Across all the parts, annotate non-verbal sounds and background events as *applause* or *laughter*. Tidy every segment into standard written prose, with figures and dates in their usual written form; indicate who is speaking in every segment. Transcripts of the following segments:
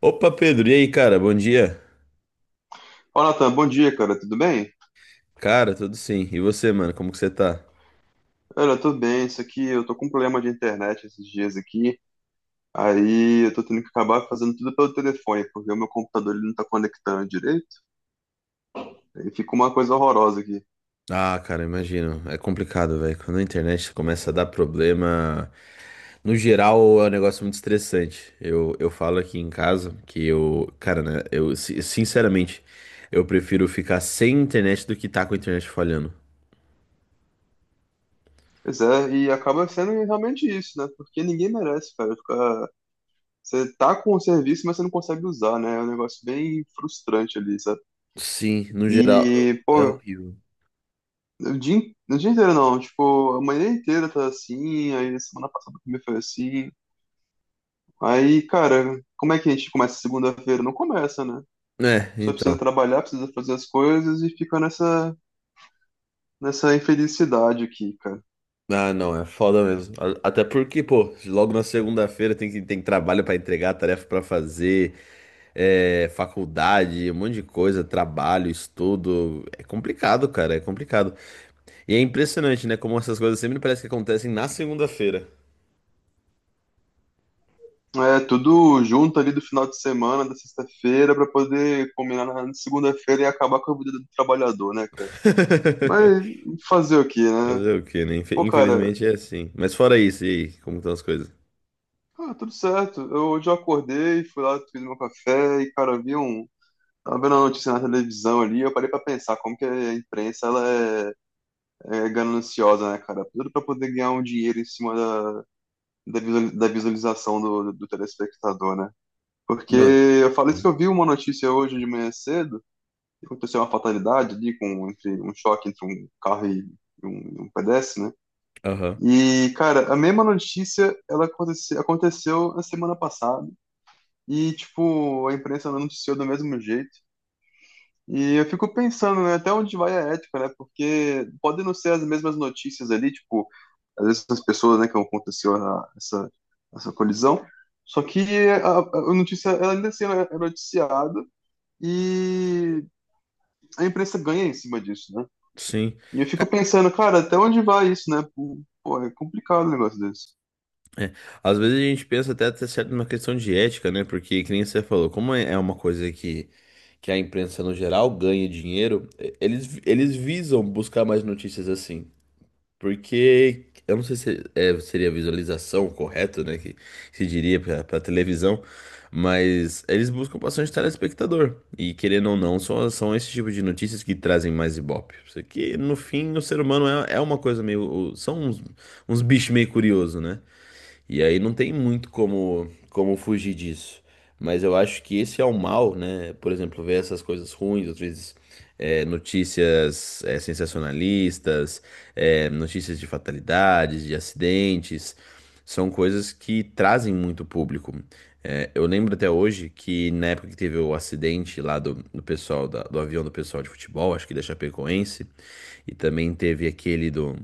Speaker 1: Opa, Pedro, e aí, cara? Bom dia.
Speaker 2: Olá, Natan, bom dia, cara. Tudo bem?
Speaker 1: Cara, tudo sim. E você, mano, como que você tá?
Speaker 2: Olha, tudo bem. Isso aqui, eu tô com um problema de internet esses dias aqui. Aí eu tô tendo que acabar fazendo tudo pelo telefone, porque o meu computador ele não tá conectando direito. Aí fica uma coisa horrorosa aqui.
Speaker 1: Ah, cara, imagino. É complicado, velho. Quando a internet começa a dar problema, no geral é um negócio muito estressante. Eu falo aqui em casa que eu, cara, né, sinceramente, eu prefiro ficar sem internet do que tá com a internet falhando.
Speaker 2: Pois é, e acaba sendo realmente isso, né? Porque ninguém merece, cara, ficar... Você tá com o serviço, mas você não consegue usar, né? É um negócio bem frustrante ali, sabe?
Speaker 1: Sim, no geral
Speaker 2: E,
Speaker 1: é
Speaker 2: pô,
Speaker 1: horrível.
Speaker 2: o dia, o dia inteiro não. Tipo, a manhã inteira tá assim, aí semana passada também foi assim. Aí, cara, como é que a gente começa segunda-feira? Não começa, né?
Speaker 1: É,
Speaker 2: Só precisa
Speaker 1: então.
Speaker 2: trabalhar, precisa fazer as coisas e fica nessa infelicidade aqui, cara.
Speaker 1: Ah, não, é foda mesmo. Até porque, pô, logo na segunda-feira tem que tem trabalho pra entregar, tarefa pra fazer, faculdade, um monte de coisa, trabalho, estudo. É complicado, cara, é complicado. E é impressionante, né, como essas coisas sempre parece que acontecem na segunda-feira.
Speaker 2: É tudo junto ali do final de semana, da sexta-feira, pra poder combinar na segunda-feira e acabar com a vida do trabalhador, né, cara? Mas
Speaker 1: *laughs*
Speaker 2: fazer o quê, né?
Speaker 1: Fazer o quê, né?
Speaker 2: Pô, cara,
Speaker 1: Infelizmente é assim. Mas fora isso, e aí, como estão as coisas?
Speaker 2: ah, tudo certo. Eu hoje eu acordei, fui lá, fiz meu café e, cara, vi um. Tava vendo a notícia na televisão ali, eu parei pra pensar como que a imprensa ela é gananciosa, né, cara? Tudo para poder ganhar um dinheiro em cima da visualização do telespectador, né? Porque
Speaker 1: Mano.
Speaker 2: eu falei isso que
Speaker 1: Sim.
Speaker 2: eu vi uma notícia hoje de manhã cedo, que aconteceu uma fatalidade ali, um choque entre um carro e um pedestre, né?
Speaker 1: Aham.
Speaker 2: E, cara, a mesma notícia ela aconteceu na semana passada e, tipo, a imprensa não noticiou do mesmo jeito. E eu fico pensando, né, até onde vai a ética, né? Porque podem não ser as mesmas notícias ali, tipo, às vezes essas pessoas, né, que essa colisão. Só que a notícia, ela ainda assim ela é noticiada e a imprensa ganha em cima disso, né?
Speaker 1: Sim.
Speaker 2: E eu fico
Speaker 1: Ca-
Speaker 2: pensando, cara, até onde vai isso, né? Pô, é complicado um negócio desse.
Speaker 1: É, às vezes a gente pensa até certo numa questão de ética, né? Porque, que nem você falou, como é uma coisa que a imprensa no geral ganha dinheiro, eles, eles visam buscar mais notícias assim. Porque, eu não sei se é, seria a visualização correta, né? Que se diria pra, pra televisão, mas eles buscam bastante telespectador. E querendo ou não, são, são esse tipo de notícias que trazem mais ibope. Isso aqui, no fim, o ser humano é, é uma coisa meio. São uns, uns bichos meio curiosos, né? E aí não tem muito como, como fugir disso. Mas eu acho que esse é o mal, né? Por exemplo, ver essas coisas ruins, às vezes notícias sensacionalistas, notícias de fatalidades, de acidentes, são coisas que trazem muito público. É, eu lembro até hoje que na época que teve o acidente lá do, do pessoal, do avião do pessoal de futebol, acho que da Chapecoense, e também teve aquele do,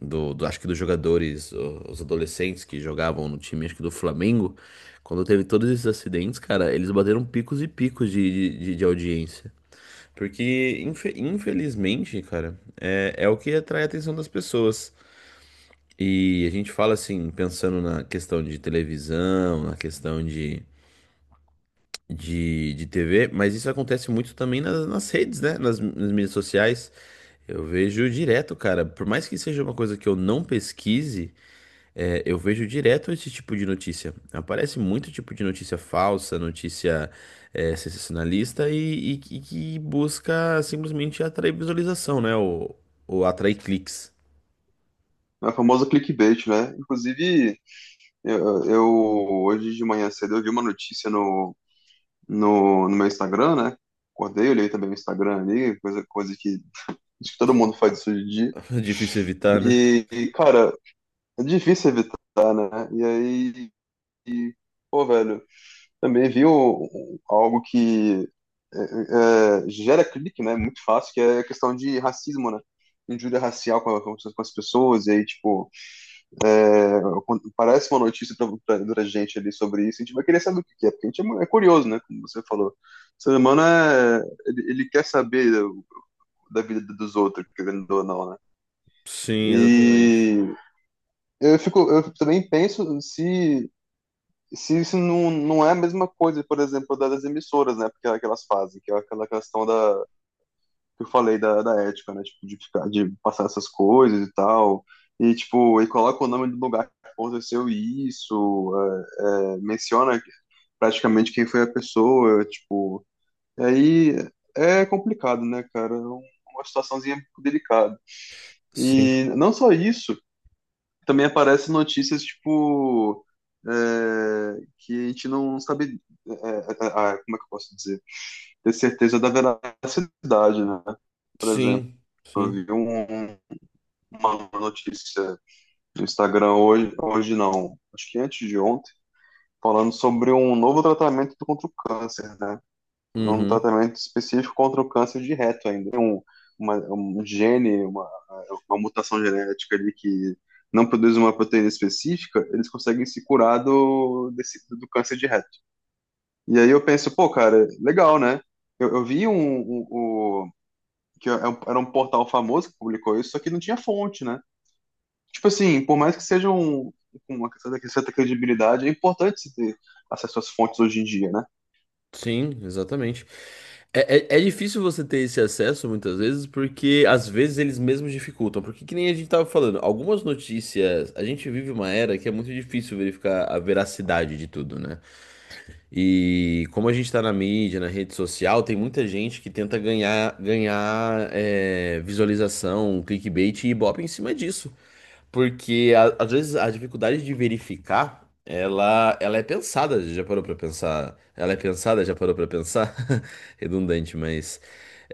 Speaker 1: do, acho que dos jogadores, os adolescentes que jogavam no time, acho que do Flamengo. Quando teve todos esses acidentes, cara, eles bateram picos e picos de audiência. Porque, infelizmente, cara, é, é o que atrai a atenção das pessoas. E a gente fala assim, pensando na questão de televisão, na questão de TV, mas isso acontece muito também nas, nas redes, né? Nas, nas mídias sociais. Eu vejo direto, cara. Por mais que seja uma coisa que eu não pesquise, eu vejo direto esse tipo de notícia. Aparece muito tipo de notícia falsa, notícia sensacionalista e, que busca simplesmente atrair visualização, né? Ou atrair cliques.
Speaker 2: É a famosa clickbait, né? Inclusive, hoje de manhã cedo eu vi uma notícia no meu Instagram, né? Acordei, olhei também o Instagram ali, coisa que acho que todo mundo faz isso hoje em dia.
Speaker 1: *laughs* Difícil evitar, né?
Speaker 2: E, cara, é difícil evitar, né? E aí, e, pô, velho, também vi algo que gera clique, né? Muito fácil, que é a questão de racismo, né? Injúria racial com, com as pessoas, e aí, tipo, é, quando parece uma notícia pra gente ali sobre isso, a gente vai querer saber o que que é, porque a gente é curioso, né? Como você falou. O ser humano é, ele quer saber da vida dos outros, querendo ou não, né?
Speaker 1: Sim, exatamente.
Speaker 2: E eu fico, eu também penso se isso não é a mesma coisa, por exemplo, das emissoras, né? Porque é aquelas fazem, que é aquela questão da que eu falei da ética, né? Tipo, de ficar, de passar essas coisas e tal. E tipo, e coloca o nome do lugar que aconteceu isso, menciona praticamente quem foi a pessoa, tipo. E aí é complicado, né, cara? Uma situaçãozinha delicada.
Speaker 1: Sim,
Speaker 2: E não só isso, também aparece notícias tipo é, que a gente não sabe, é, é, como é que eu posso dizer, ter certeza da veracidade, né? Por exemplo,
Speaker 1: sim,
Speaker 2: eu
Speaker 1: sim.
Speaker 2: vi uma notícia no Instagram hoje, hoje não, acho que antes de ontem, falando sobre um novo tratamento contra o câncer, né? Um
Speaker 1: Uhum.
Speaker 2: tratamento específico contra o câncer de reto ainda. Tem um gene, uma mutação genética ali que não produz uma proteína específica, eles conseguem se curar do do câncer de reto. E aí eu penso, pô, cara, legal, né? Eu vi um, um- que é era um portal famoso que publicou isso, só que não tinha fonte, né? Tipo assim, por mais que seja um, com uma certa credibilidade, é importante se ter acesso às fontes hoje em dia, né?
Speaker 1: Sim, exatamente. É, é, é difícil você ter esse acesso muitas vezes, porque às vezes eles mesmos dificultam. Porque que nem a gente tava falando, algumas notícias, a gente vive uma era que é muito difícil verificar a veracidade de tudo, né? E como a gente tá na mídia, na rede social, tem muita gente que tenta ganhar visualização, clickbait e ibope em cima disso. Porque às vezes a dificuldade de verificar, ela é pensada, já parou pra pensar? Ela é pensada, já parou pra pensar? *laughs* Redundante, mas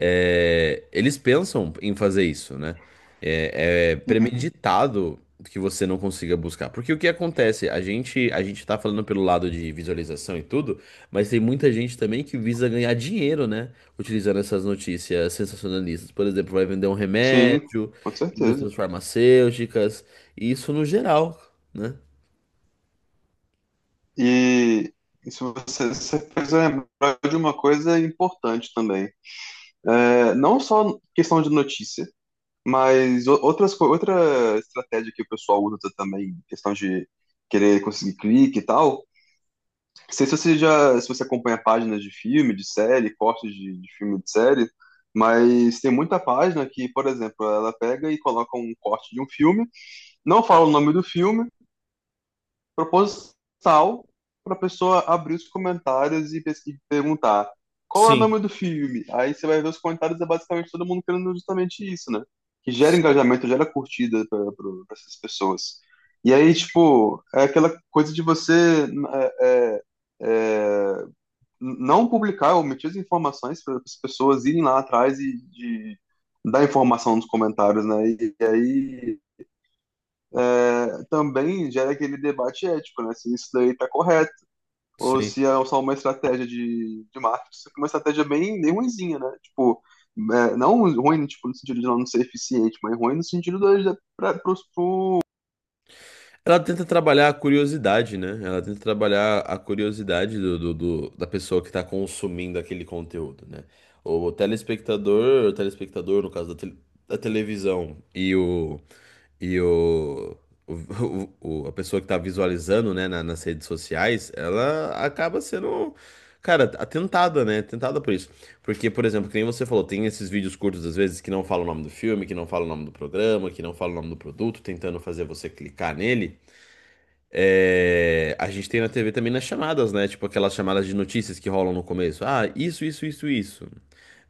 Speaker 1: eles pensam em fazer isso, né? É, é
Speaker 2: Uhum.
Speaker 1: premeditado que você não consiga buscar. Porque o que acontece? A gente tá falando pelo lado de visualização e tudo, mas tem muita gente também que visa ganhar dinheiro, né? Utilizando essas notícias sensacionalistas. Por exemplo, vai vender um
Speaker 2: Sim,
Speaker 1: remédio,
Speaker 2: com certeza.
Speaker 1: indústrias farmacêuticas, e isso no geral, né?
Speaker 2: E isso você, você fez eu lembrar de uma coisa importante também. É, não só questão de notícia, mas outras, outra estratégia que o pessoal usa também, questão de querer conseguir clique e tal. Não sei se você já, se você acompanha páginas de filme, de série, cortes de filme, de série, mas tem muita página que, por exemplo, ela pega e coloca um corte de um filme, não fala o nome do filme, proposital para a pessoa abrir os comentários e, e perguntar qual é o
Speaker 1: Sim,
Speaker 2: nome do filme? Aí você vai ver os comentários, é basicamente todo mundo querendo justamente isso, né? Que gera
Speaker 1: s-
Speaker 2: engajamento, gera curtida para essas pessoas. E aí, tipo, é aquela coisa de você é, é, é, não publicar, omitir as informações para as pessoas irem lá atrás e dar informação nos comentários, né? E aí é, também gera aquele debate ético, né? Se isso daí está correto, ou
Speaker 1: sim.
Speaker 2: se é só uma estratégia de marketing, uma estratégia bem ruimzinha, né? Tipo, é, não ruim tipo, no sentido de não ser eficiente, mas ruim no sentido de para pros,
Speaker 1: Ela tenta trabalhar a curiosidade, né? Ela tenta trabalhar a curiosidade do, da pessoa que está consumindo aquele conteúdo, né? O telespectador, no caso da, da televisão, e o- *laughs* a pessoa que está visualizando, né, nas redes sociais, ela acaba sendo, cara, atentada, né? Tentada por isso. Porque, por exemplo, que nem você falou, tem esses vídeos curtos, às vezes, que não falam o nome do filme, que não falam o nome do programa, que não falam o nome do produto, tentando fazer você clicar nele. É, a gente tem na TV também nas chamadas, né? Tipo aquelas chamadas de notícias que rolam no começo. Ah, isso, isso, isso, isso.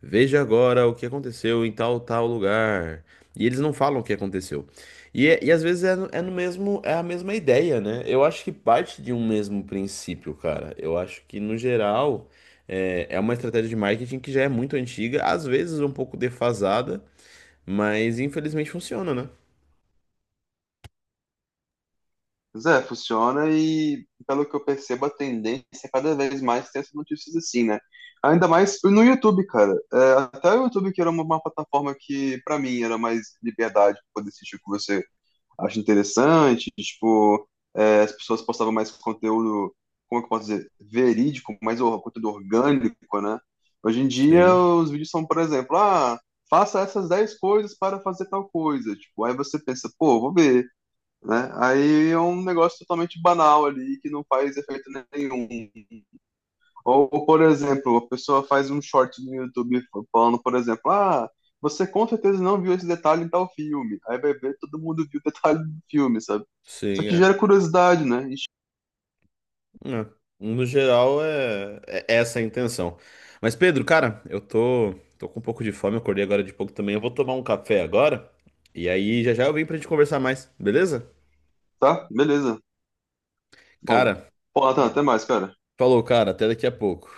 Speaker 1: Veja agora o que aconteceu em tal, tal lugar. E eles não falam o que aconteceu. E, e às vezes é no mesmo, é a mesma ideia, né? Eu acho que parte de um mesmo princípio, cara. Eu acho que, no geral, é, é uma estratégia de marketing que já é muito antiga, às vezes um pouco defasada, mas infelizmente funciona, né?
Speaker 2: Zé, funciona e, pelo que eu percebo, a tendência é cada vez mais ter essas notícias assim, né? Ainda mais no YouTube, cara. É, até o YouTube, que era uma plataforma que, para mim, era mais liberdade pra poder assistir o que você acho interessante, tipo, é, as pessoas postavam mais conteúdo, como é que eu posso dizer, verídico, mais conteúdo orgânico, né? Hoje em dia,
Speaker 1: Sim,
Speaker 2: os vídeos são, por exemplo, ah, faça essas 10 coisas para fazer tal coisa, tipo, aí você pensa, pô, vou ver, né? Aí é um negócio totalmente banal ali, que não faz efeito nenhum. Ou, por exemplo, a pessoa faz um short no YouTube falando, por exemplo, ah, você com certeza não viu esse detalhe em tal filme. Aí vai ver, todo mundo viu o *laughs* detalhe do filme, sabe? Só que
Speaker 1: sim,
Speaker 2: gera curiosidade, né? Ixi,
Speaker 1: É, No geral, é, é essa a intenção. Mas, Pedro, cara, tô com um pouco de fome, acordei agora de pouco também. Eu vou tomar um café agora. E aí, já já eu vim pra gente conversar mais, beleza?
Speaker 2: tá? Beleza. Bom,
Speaker 1: Cara,
Speaker 2: pô, Nathan, até mais, cara.
Speaker 1: falou, cara, até daqui a pouco.